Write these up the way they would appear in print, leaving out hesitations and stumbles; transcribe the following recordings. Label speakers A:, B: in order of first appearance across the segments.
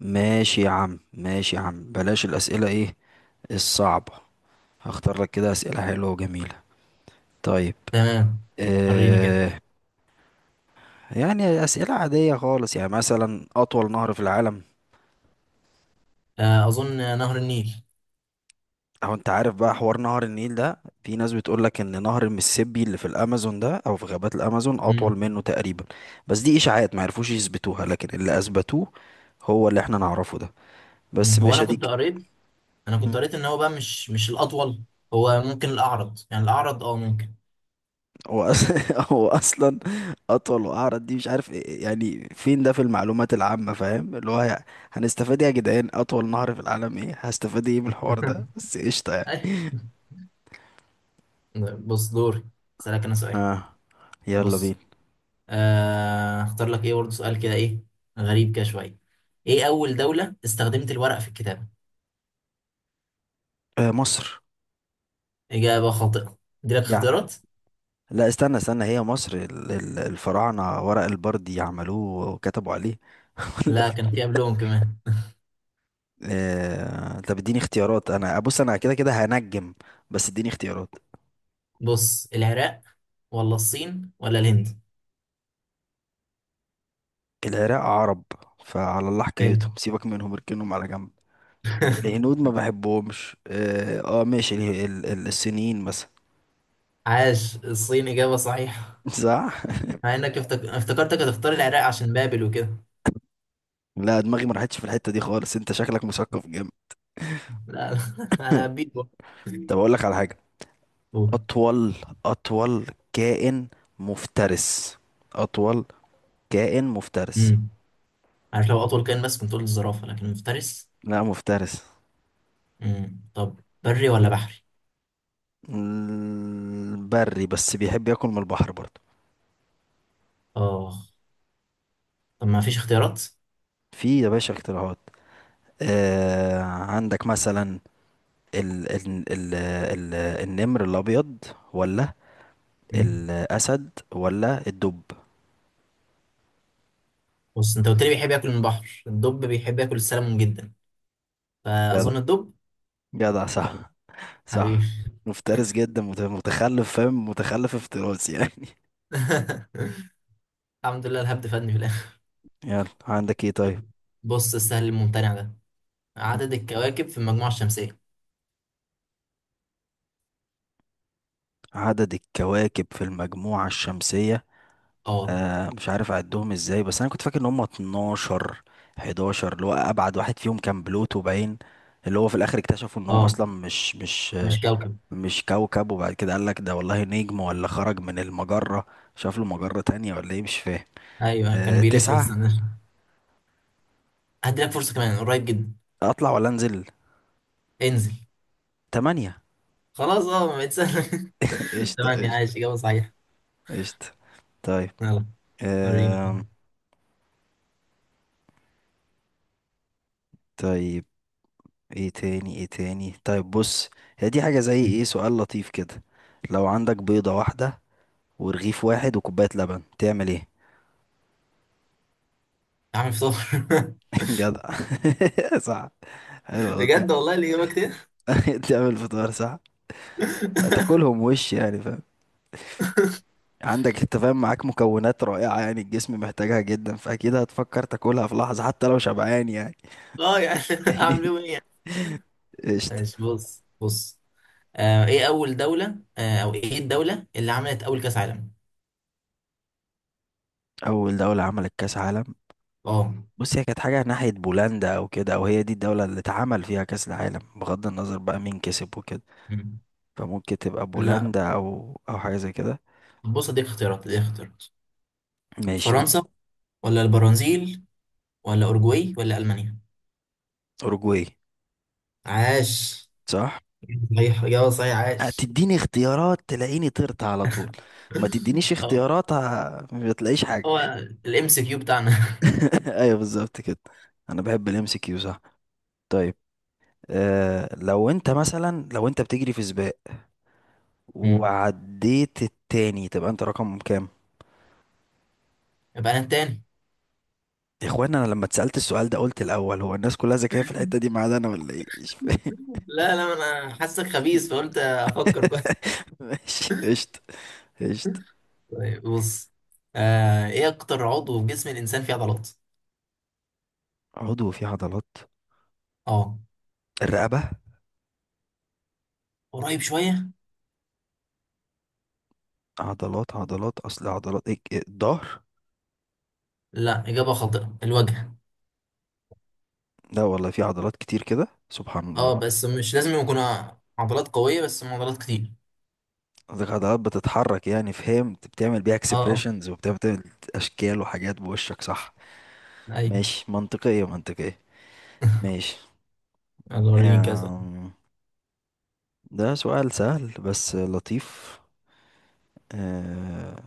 A: ماشي يا عم ماشي يا عم، بلاش الأسئلة ايه الصعبة. هختار لك كده أسئلة حلوة وجميلة. طيب.
B: تمام. وريني كده.
A: اه. يعني أسئلة عادية خالص، يعني مثلا أطول نهر في العالم.
B: آه، اظن نهر النيل.
A: أو أنت عارف بقى حوار نهر النيل ده، في ناس بتقول لك إن نهر المسيسيبي اللي في الأمازون ده، أو في غابات الأمازون،
B: مم.
A: أطول منه تقريبا. بس دي إشاعات ما عرفوش يثبتوها، لكن اللي أثبتوه هو اللي احنا نعرفه ده.
B: مم.
A: بس
B: هو انا
A: ماشي دي.
B: كنت قريت ان هو بقى مش الاطول. هو ممكن الاعرض، يعني الاعرض، ممكن.
A: هو اصلا اطول واعرض. دي مش عارف يعني فين ده في المعلومات العامه، فاهم؟ اللي هو يعني هنستفاد إيه يا جدعان اطول نهر في العالم؟ ايه هستفاد ايه من الحوار ده؟ بس قشطه يعني.
B: أي. بص دوري، اسالك انا سؤال.
A: اه، يلا
B: بص،
A: بينا.
B: اختار لك ايه برضه سؤال كده، ايه غريب كده شويه. ايه اول دوله استخدمت الورق في الكتابه؟
A: آه، مصر.
B: اجابه خاطئه، دي لك
A: يعني
B: اختيارات.
A: لا، استنى استنى، هي مصر الفراعنه ورق البردي عملوه وكتبوا عليه ولا
B: لا كان في قبلهم كمان.
A: آه طب اديني اختيارات، انا بص انا كده كده هنجم، بس اديني اختيارات.
B: بص، العراق ولا الصين ولا الهند؟
A: العراق عرب، فعلى الله
B: حلو.
A: حكايتهم، سيبك منهم، اركنهم على جنب. الهنود ما بحبهمش. اه. ماشي. السنين مثلا.
B: عاش، الصين إجابة صحيحة.
A: صح.
B: مع إنك افتكرتك هتختار العراق عشان بابل وكده.
A: لا دماغي ما راحتش في الحتة دي خالص، انت شكلك مثقف جامد.
B: لا لا، أنا هبيت بقى.
A: طب اقول لك على حاجة.
B: قول.
A: اطول اطول كائن مفترس. اطول كائن مفترس.
B: امم عارف، لو أطول كائن بس كنت قلت الزرافة، لكن مفترس.
A: لا مفترس.
B: طب بري ولا بحري؟
A: بري، بس بيحب ياكل من البحر برضه.
B: آه طب ما فيش اختيارات؟
A: في يا باشا اختراعات. آه عندك مثلا ال ال ال ال النمر الابيض، ولا
B: مم.
A: الاسد ولا الدب.
B: بص، أنت قلت لي بيحب ياكل من البحر، الدب بيحب ياكل السلمون جدا،
A: جدع
B: فأظن الدب.
A: جدع، صح، صح.
B: حبيبي.
A: مفترس جدا، متخلف، فاهم؟ متخلف افتراس يعني
B: الحمد لله الهبد فادني في الآخر.
A: يلا عندك ايه طيب؟
B: بص السهل الممتنع ده، عدد الكواكب في المجموعة الشمسية.
A: عدد الكواكب في المجموعة الشمسية.
B: اه.
A: آه مش عارف أعدهم ازاي، بس أنا كنت فاكر إن هما 12، 11. اللي هو أبعد واحد فيهم كان بلوتو باين، اللي هو في الآخر اكتشفوا إن هو
B: اه،
A: أصلا مش
B: مش كوكب.
A: مش كوكب، وبعد كده قال لك ده والله نجم، ولا خرج من المجرة، شاف له مجرة تانية، ولا إيه مش فاهم.
B: ايوه كان
A: آه،
B: بيلف، بس
A: تسعة.
B: انا هدي لك فرصه كمان، قريب جدا.
A: أطلع ولا أنزل؟
B: انزل.
A: تمانية.
B: خلاص، ما بقت سهله.
A: قشطة،
B: تمام
A: قشطة،
B: عايش، اجابه صحيحه.
A: قشطة. طيب.
B: يلا وريني كده.
A: آم. طيب. ايه تاني ايه تاني؟ طيب بص، هي دي حاجة زي ايه، سؤال لطيف كده. لو عندك بيضة واحدة ورغيف واحد وكوباية لبن، تعمل ايه؟
B: عامل فطار.
A: جدع صح. حلو، لطيف.
B: بجد والله الاجابه كده.
A: تعمل فطار صح. تاكلهم وش يعني، فاهم؟ عندك انت فاهم، معاك مكونات رائعة يعني، الجسم محتاجها جدا، فأكيد هتفكر تاكلها في لحظة حتى لو شبعان يعني
B: اه يعني. اعمل بيهم ايه يعني؟
A: قشطة.
B: ماشي بص بص. آه ايه اول دوله آه او ايه الدوله اللي عملت اول كاس عالم؟
A: أول دولة عملت كأس عالم.
B: اه.
A: بص، هي كانت حاجة ناحية بولندا أو كده، أو هي دي الدولة اللي اتعمل فيها كأس العالم، بغض النظر بقى مين كسب وكده.
B: مم.
A: فممكن تبقى
B: لا.
A: بولندا أو أو حاجة زي كده.
B: بص اديك اختيارات اديك اختيارات.
A: ماشي
B: فرنسا ولا البرازيل ولا اورجواي ولا المانيا؟
A: أوروجواي.
B: عاش.
A: صح؟
B: صحيح، إجابة صحيحة، عاش.
A: هتديني اختيارات تلاقيني طرت على طول. ما تدينيش
B: اه.
A: اختيارات ما تلاقيش حاجة.
B: هو الام سي كيو بتاعنا.
A: أيوه بالظبط كده. أنا بحب الام سي كيو، صح. طيب. آه، لو أنت مثلا لو أنت بتجري في سباق
B: مم.
A: وعديت التاني، تبقى أنت رقم كام؟
B: يبقى انا التاني.
A: يا اخوان انا لما اتسالت السؤال ده قلت الاول، هو الناس كلها ذكيه في الحته دي ما عدا انا، ولا ايه مش فاهم.
B: لا لا، انا حاسك خبيث فقلت افكر كويس.
A: ماشي قشطه، قشطه.
B: طيب بص، ايه اكتر عضو في جسم الانسان فيه عضلات؟
A: عضو فيه عضلات.
B: اه.
A: الرقبه.
B: قريب شويه.
A: عضلات عضلات، اصل عضلات إيه إيه، الظهر.
B: لا، اجابه خاطئه، الوجه.
A: لا والله في عضلات كتير كده، سبحان الله.
B: اه بس مش لازم يكون عضلات قويه، بس هم عضلات كتير.
A: قصدك عضلات بتتحرك يعني، فهمت، بتعمل بيها
B: اه اه.
A: اكسبريشنز، وبتعمل اشكال وحاجات بوشك، صح.
B: ايوه.
A: ماشي، منطقيه، منطقيه. ماشي.
B: يلا وريني كذا.
A: أم، ده سؤال سهل بس لطيف. أه،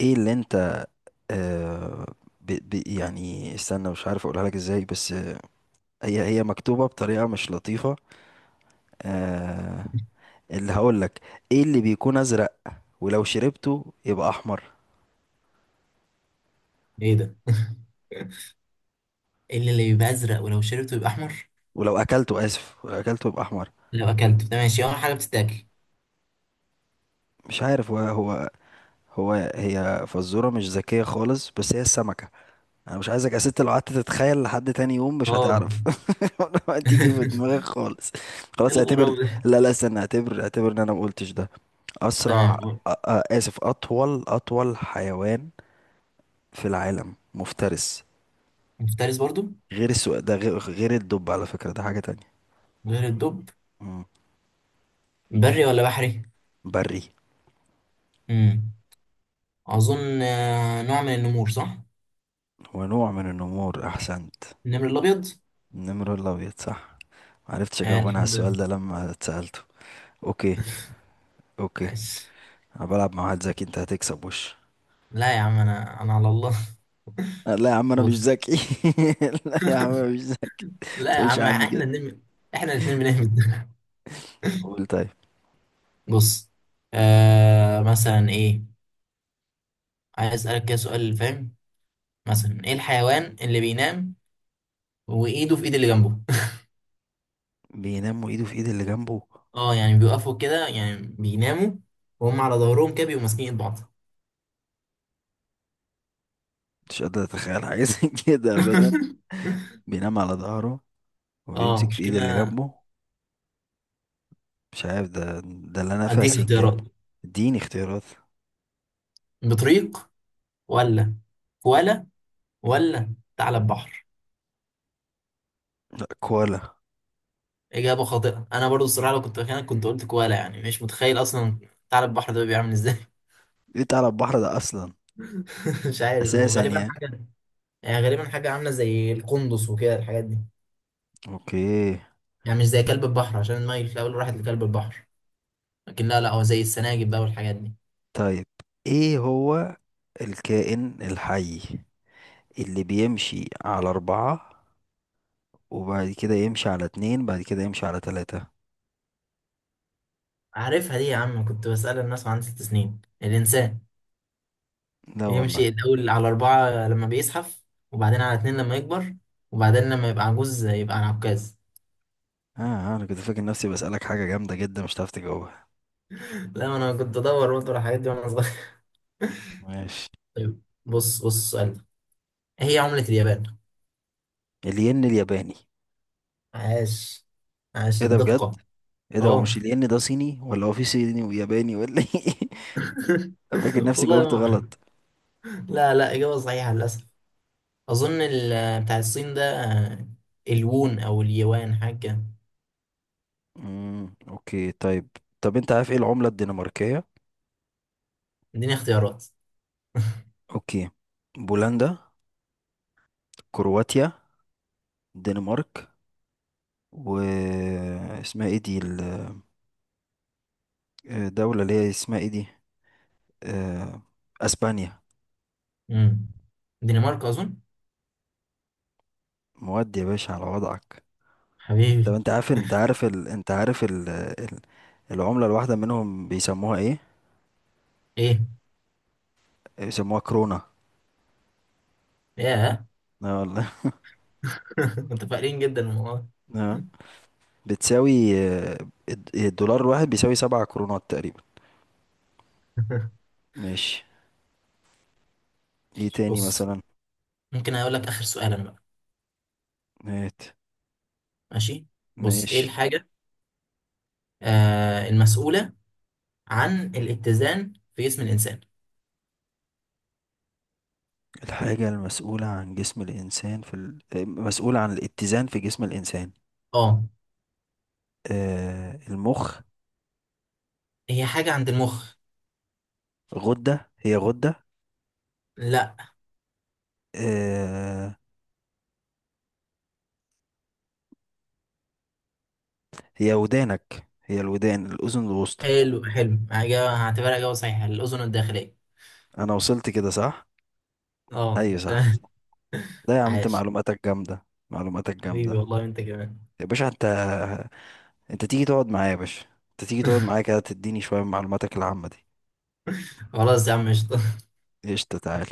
A: ايه اللي انت، آه، يعني استنى، مش عارف اقولها لك ازاي، بس هي هي مكتوبة بطريقة مش لطيفة. آه، اللي هقول لك، ايه اللي بيكون ازرق ولو شربته يبقى احمر،
B: ايه ده؟ إيه اللي بيبقى ازرق ولو شربته يبقى احمر؟
A: ولو اكلته، اسف، ولو اكلته يبقى احمر؟
B: لو اكلت ماشي، اول حاجه بتتاكل.
A: مش عارف هو هي فزورة مش ذكية خالص، بس هي السمكة. انا مش عايزك يا ست لو قعدت تتخيل لحد تاني يوم مش
B: اه.
A: هتعرف ولا تيجي في دماغك خالص.
B: إيه
A: خلاص اعتبر.
B: الغراب ده؟
A: لا لا استنى، اعتبر اعتبر ان انا ما قلتش ده. أسرع
B: تمام.
A: آسف، أطول، أطول حيوان في العالم مفترس.
B: مفترس برضو.
A: غير ده غير الدب على فكرة، ده حاجة تانية.
B: غير الدب.
A: مم.
B: بري ولا بحري.
A: بري.
B: امم اظن نوع من النمور صح.
A: هو نوع من النمور، أحسنت.
B: النمر الابيض.
A: النمر الأبيض صح. معرفتش
B: آه
A: أجاوب أنا على
B: الحمد
A: السؤال
B: لله.
A: ده لما اتسألته. أوكي، أوكي.
B: ماشي.
A: أنا بلعب مع واحد ذكي، أنت هتكسب وش.
B: لا يا عم، انا على الله.
A: لا يا عم أنا مش
B: بص.
A: ذكي لا يا عم أنا مش ذكي،
B: لا يا
A: متقولش
B: عم
A: عني كده.
B: احنا النمر، احنا الاثنين بنهبد.
A: قول طيب.
B: بص، مثلا ايه، عايز اسالك كده سؤال فاهم، مثلا ايه الحيوان اللي بينام وايده في ايد اللي جنبه؟
A: بينام وإيده في إيد اللي جنبه.
B: اه يعني بيوقفوا كده، يعني بيناموا وهم على ظهرهم كده، بيبقوا ماسكين ايد بعض.
A: مش قادر أتخيل حاجة زي كده أبدا. بينام على ظهره
B: اه
A: وبيمسك في ايد اللي
B: مشكلة.
A: جنبه. مش عارف ده اللي انا
B: اديك
A: فاسق
B: اختيارات،
A: جنبه. اديني اختيارات.
B: بطريق ولا كوالا ولا ثعلب بحر؟
A: لا كوالا.
B: اجابة خاطئة، انا برضو الصراحة لو كنت مكانك كنت قلت كوالا، يعني مش متخيل اصلا. ثعلب بحر ده بيعمل ازاي؟
A: جيت على البحر ده اصلا،
B: مش عارف، هو
A: اساسا
B: غالبا
A: يعني.
B: حاجة، يعني غالبا حاجة عاملة زي القندس وكده الحاجات دي،
A: اوكي.
B: يعني مش زي كلب البحر عشان المايل في الاول راحت لكلب البحر، لكن لا لا، هو زي السناجب بقى والحاجات دي.
A: طيب ايه هو الكائن الحي اللي بيمشي على اربعة، وبعد كده يمشي على اتنين، بعد كده يمشي على تلاتة؟
B: عارفها دي يا عم، كنت بسأل الناس وعندي 6 سنين، الإنسان
A: لا والله.
B: يمشي الأول على أربعة لما بيزحف، وبعدين على اتنين لما يكبر، وبعدين لما يبقى عجوز يبقى على عكاز.
A: اه. انا كنت فاكر نفسي بسألك حاجة جامدة جدا مش هتعرف تجاوبها.
B: لا ما أنا كنت أدور برضه على الحاجات دي وأنا صغير.
A: ماشي.
B: طيب بص بص السؤال ده، إيه هي عملة اليابان؟
A: الين الياباني.
B: عاش، عاش
A: ايه ده بجد،
B: الدقة.
A: ايه ده.
B: أه.
A: ومش الين ده صيني، ولا هو في صيني وياباني ولا ايه؟ فاكر نفسي
B: والله ما
A: جاوبت
B: أعرف.
A: غلط.
B: لا لا، إجابة صحيحة للأسف. أظن بتاع الصين ده، الوون أو اليوان حاجة كده.
A: اوكي، طيب. طب انت عارف ايه العملة الدنماركية؟
B: اديني اختيارات.
A: اوكي، بولندا، كرواتيا، الدنمارك، و اسمها ايه دي، الدولة اللي هي اسمها ايه دي، آه، اسبانيا.
B: امم دنمارك أظن.
A: مواد يا باشا على وضعك. طب
B: حبيبي.
A: انت عارف، انت عارف انت عارف العملة الواحدة منهم بيسموها ايه؟
B: ايه.
A: بيسموها كرونة.
B: ياه.
A: اه والله
B: متفائلين جدا من والله.
A: اه. بتساوي، آه، الدولار الواحد بيساوي 7 كرونات تقريبا. ماشي. ايه تاني
B: بص
A: مثلا؟
B: ممكن اقول لك اخر سؤال انا بقى.
A: مات.
B: ماشي. بص، ايه
A: ماشي.
B: الحاجه المسؤوله عن الاتزان في جسم الانسان؟
A: الحاجة المسؤولة عن جسم الإنسان مسؤولة عن الاتزان في جسم الإنسان.
B: اه.
A: آه، المخ.
B: هي حاجه عند المخ.
A: غدة، هي غدة.
B: لا.
A: آه، هي ودانك، هي الودان، الأذن الوسطى.
B: حلو حلو، اجابه هعتبرها اجابه صحيحه، الاذن الداخليه.
A: أنا وصلت كده صح؟
B: اه.
A: أيوة صح. لا يا عم أنت
B: عاش.
A: معلوماتك جامدة، معلوماتك
B: حبيبي
A: جامدة.
B: والله انت كمان.
A: يا باشا أنت، أنت تيجي تقعد معايا يا باشا، أنت تيجي تقعد معايا كده تديني شوية من معلوماتك العامة دي.
B: خلاص يا عم قشطة.
A: قشطة، تعالى.